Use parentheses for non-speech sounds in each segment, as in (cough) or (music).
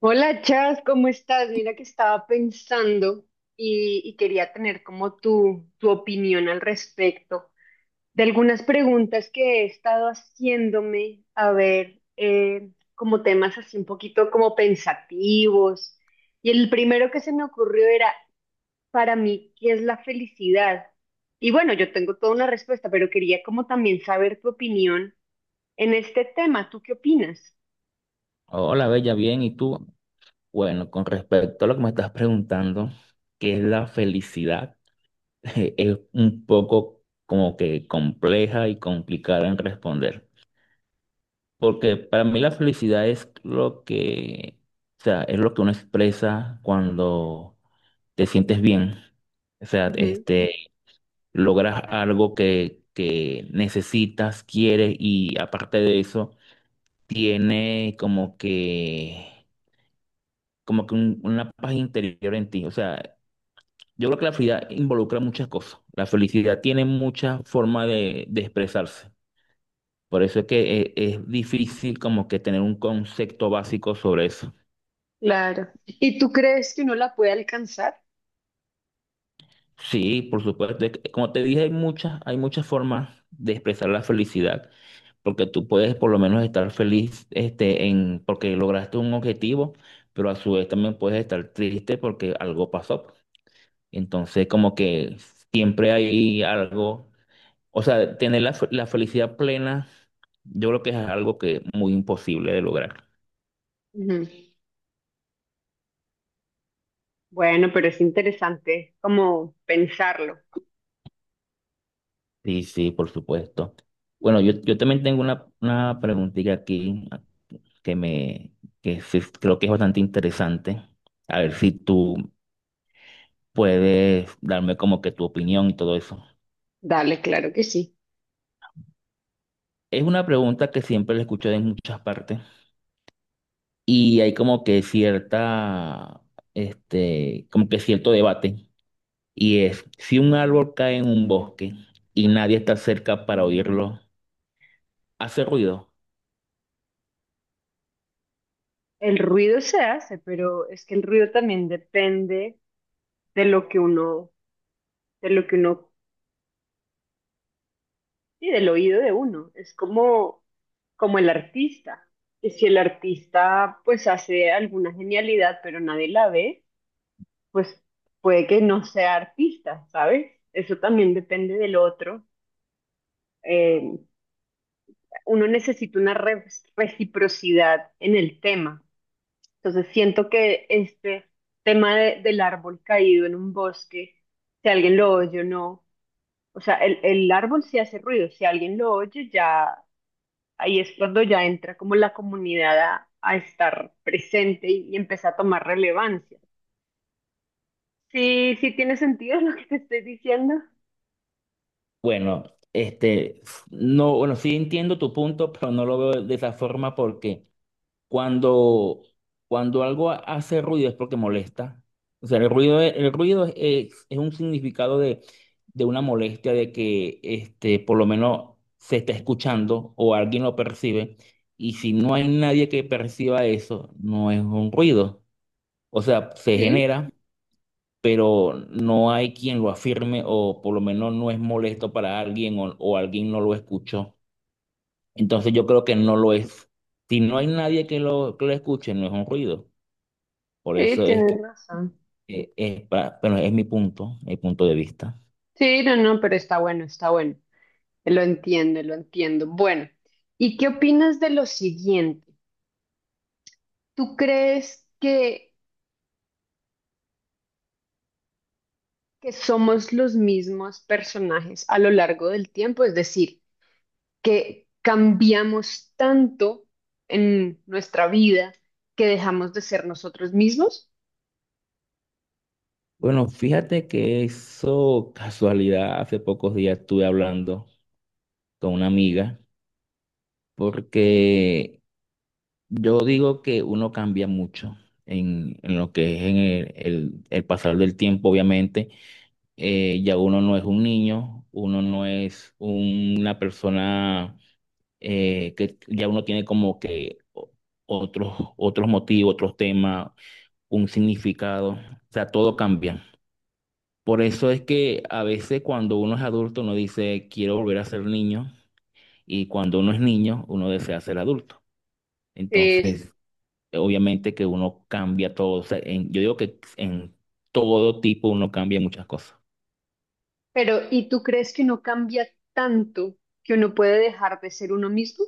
Hola Chas, ¿cómo estás? Mira que estaba pensando y quería tener como tu opinión al respecto de algunas preguntas que he estado haciéndome, a ver, como temas así un poquito como pensativos. Y el primero que se me ocurrió era, para mí, ¿qué es la felicidad? Y bueno, yo tengo toda una respuesta, pero quería como también saber tu opinión en este tema. ¿Tú qué opinas? Hola, Bella, bien. ¿Y tú? Bueno, con respecto a lo que me estás preguntando, ¿qué es la felicidad? (laughs) Es un poco como que compleja y complicada en responder, porque para mí la felicidad es o sea, es lo que uno expresa cuando te sientes bien. O sea, logras algo que necesitas, quieres, y aparte de eso, tiene como que una paz interior en ti. O sea, yo creo que la felicidad involucra muchas cosas. La felicidad tiene muchas formas de expresarse. Por eso es que es difícil como que tener un concepto básico sobre eso. Claro. ¿Y tú crees que uno la puede alcanzar? Sí, por supuesto. Como te dije, hay muchas formas de expresar la felicidad. Porque tú puedes por lo menos estar feliz porque lograste un objetivo, pero a su vez también puedes estar triste porque algo pasó. Entonces, como que siempre hay algo. O sea, la felicidad plena, yo creo que es algo que es muy imposible de lograr. Ujú. Bueno, pero es interesante como pensarlo. Sí, sí, por supuesto. Bueno, yo también tengo una preguntita aquí que me que sí creo que es bastante interesante. A ver si tú puedes darme como que tu opinión y todo eso. Dale, claro que sí. Es una pregunta que siempre la escucho de muchas partes y hay como que como que cierto debate. Y es, si un árbol cae en un bosque y nadie está cerca para oírlo, ¿hace ruido? El ruido se hace, pero es que el ruido también depende de lo que uno, de lo que uno, y del oído de uno. Es como, como el artista. Y si el artista pues hace alguna genialidad, pero nadie la ve, pues puede que no sea artista, ¿sabes? Eso también depende del otro. Eh, uno necesita una reciprocidad en el tema. Entonces siento que este tema del árbol caído en un bosque, si alguien lo oye o no, o sea, el árbol sí hace ruido, si alguien lo oye ya, ahí es cuando ya entra como la comunidad a estar presente y empieza a tomar relevancia. Sí, sí tiene sentido lo que te estoy diciendo. Bueno, este, no, bueno, sí entiendo tu punto, pero no lo veo de esa forma porque cuando, cuando algo hace ruido es porque molesta. O sea, el ruido es un significado de una molestia, de que por lo menos se está escuchando o alguien lo percibe. Y si no hay nadie que perciba eso, no es un ruido. O sea, se Sí, genera, pero no hay quien lo afirme, o por lo menos no es molesto para alguien, o alguien no lo escuchó. Entonces yo creo que no lo es. Si no hay nadie que lo escuche, no es un ruido. Por sí, eso es que tienes razón. Bueno, es mi punto de vista. Sí, no, no, pero está bueno, está bueno. Lo entiendo, lo entiendo. Bueno, ¿y qué opinas de lo siguiente? ¿Tú crees que somos los mismos personajes a lo largo del tiempo? Es decir, que cambiamos tanto en nuestra vida que dejamos de ser nosotros mismos. Bueno, fíjate que eso, casualidad, hace pocos días estuve hablando con una amiga porque yo digo que uno cambia mucho en lo que es en el pasar del tiempo, obviamente. Ya uno no es un niño, uno no es una persona que ya uno tiene como que otros motivos, otros temas, un significado. O sea, todo cambia. Por eso es que a veces cuando uno es adulto, uno dice, quiero volver a ser niño, y cuando uno es niño, uno desea ser adulto. Sí. Entonces... obviamente que uno cambia todo. O sea, yo digo que en todo tipo uno cambia muchas cosas. Pero, ¿y tú crees que uno cambia tanto que uno puede dejar de ser uno mismo?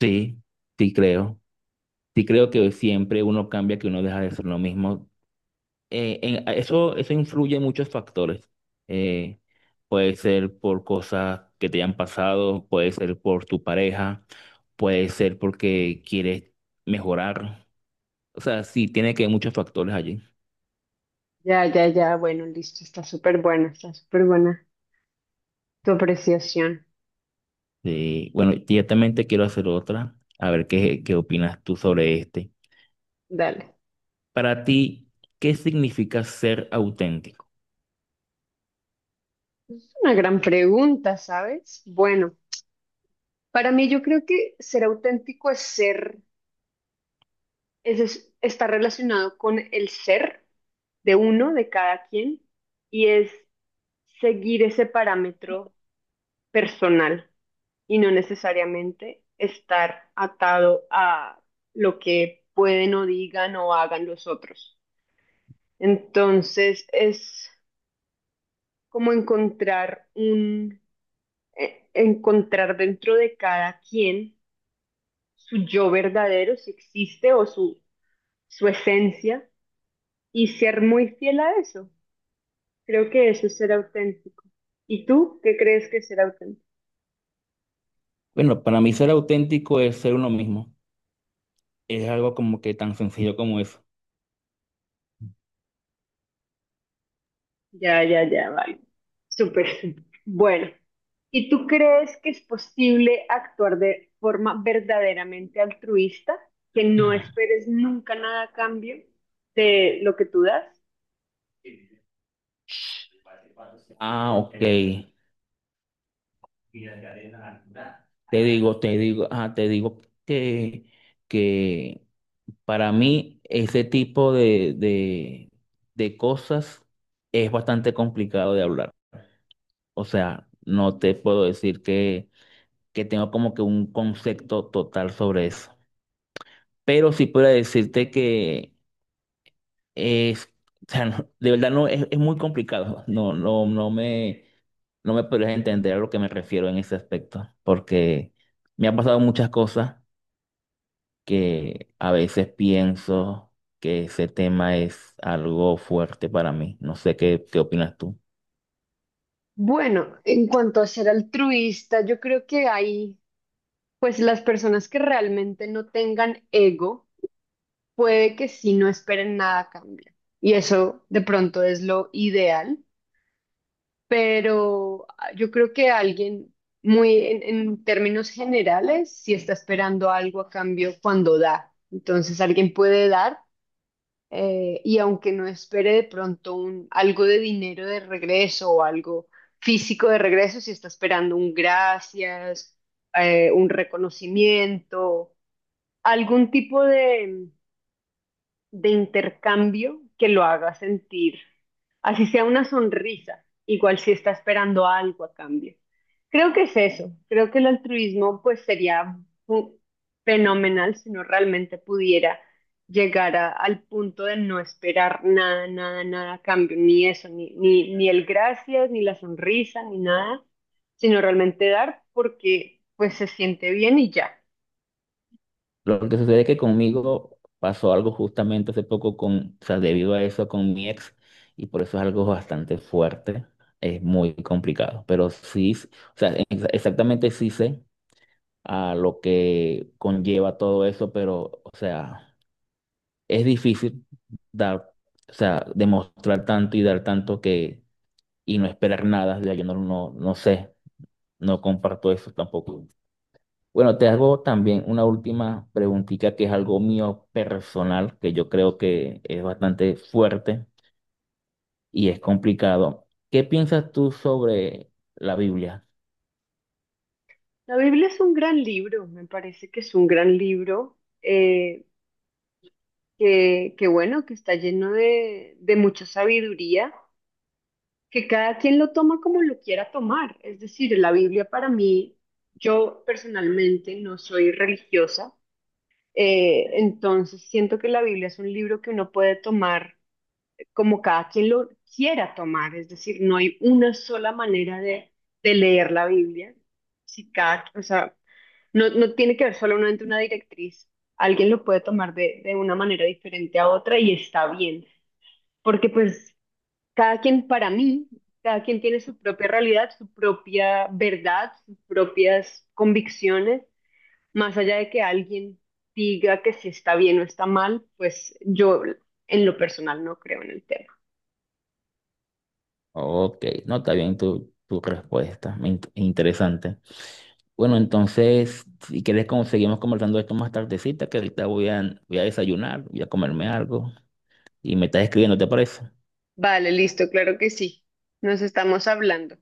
Sí, sí creo. Sí creo que siempre uno cambia, que uno deja de ser lo mismo. Eso, eso influye en muchos factores. Eh, puede ser por cosas que te hayan pasado, puede ser por tu pareja, puede ser porque quieres mejorar. O sea, sí, tiene que haber muchos factores allí. Ya, ya, ya, bueno, listo, está súper buena tu apreciación. Sí, bueno, directamente quiero hacer otra, a ver qué opinas tú sobre este. Dale. Para ti, ¿qué significa ser auténtico? Es una gran pregunta, ¿sabes? Bueno, para mí yo creo que ser auténtico es ser, es, está relacionado con el ser de uno, de cada quien, y es seguir ese parámetro personal y no necesariamente estar atado a lo que pueden o digan o hagan los otros. Entonces es como encontrar un, encontrar dentro de cada quien, su yo verdadero, si existe, o su esencia, y ser muy fiel a eso. Creo que eso es ser auténtico. ¿Y tú qué crees que es ser auténtico? Bueno, para mí ser auténtico es ser uno mismo. Es algo como que tan sencillo como eso. Ya, ya, ya, vale. Súper, súper. Bueno, ¿y tú crees que es posible actuar de forma verdaderamente altruista, que no esperes nunca nada a cambio de lo que tú das? Ah, ok. Te digo que para mí ese tipo de cosas es bastante complicado de hablar. O sea, no te puedo decir que tengo como que un concepto total sobre eso. Pero sí puedo decirte que es, o sea, de verdad no es, es muy complicado. No me podrías entender a lo que me refiero en ese aspecto, porque me ha pasado muchas cosas que a veces pienso que ese tema es algo fuerte para mí. No sé qué opinas tú. Bueno, en cuanto a ser altruista, yo creo que hay, pues, las personas que realmente no tengan ego, puede que sí no esperen nada a cambio. Y eso de pronto es lo ideal, pero yo creo que alguien muy en términos generales sí está esperando algo a cambio cuando da. Entonces alguien puede dar, y aunque no espere de pronto algo de dinero de regreso o algo físico de regreso, si está esperando un gracias, un reconocimiento, algún tipo de intercambio que lo haga sentir, así sea una sonrisa, igual si está esperando algo a cambio. Creo que es eso, creo que el altruismo pues sería fu- fenomenal si no realmente pudiera llegar al punto de no esperar nada, nada, nada a cambio, ni eso, ni, ni, ni el gracias, ni la sonrisa, ni nada, sino realmente dar porque pues se siente bien y ya. Lo que sucede es que conmigo pasó algo justamente hace poco o sea, debido a eso con mi ex, y por eso es algo bastante fuerte. Es muy complicado, pero sí, o sea, exactamente sí sé a lo que conlleva todo eso, pero, o sea, es difícil dar, o sea, demostrar tanto y dar tanto que, y no esperar nada. Ya yo no sé, no comparto eso tampoco. Bueno, te hago también una última preguntita que es algo mío personal, que yo creo que es bastante fuerte y es complicado. ¿Qué piensas tú sobre la Biblia? La Biblia es un gran libro, me parece que es un gran libro, que bueno, que está lleno de mucha sabiduría, que cada quien lo toma como lo quiera tomar. Es decir, la Biblia para mí, yo personalmente no soy religiosa, entonces siento que la Biblia es un libro que uno puede tomar como cada quien lo quiera tomar. Es decir, no hay una sola manera de leer la Biblia. Si cada, o sea, no, no tiene que ver solamente una directriz. Alguien lo puede tomar de una manera diferente a otra y está bien, porque pues cada quien para mí, cada quien tiene su propia realidad, su propia verdad, sus propias convicciones, más allá de que alguien diga que si está bien o está mal, pues yo en lo personal no creo en el tema. Ok, no, está bien tu, tu respuesta, me interesante. Bueno, entonces, si quieres, como seguimos conversando esto más tardecita, que ahorita voy a, voy a desayunar, voy a comerme algo y me estás escribiendo, ¿te parece? Vale, listo, claro que sí. Nos estamos hablando.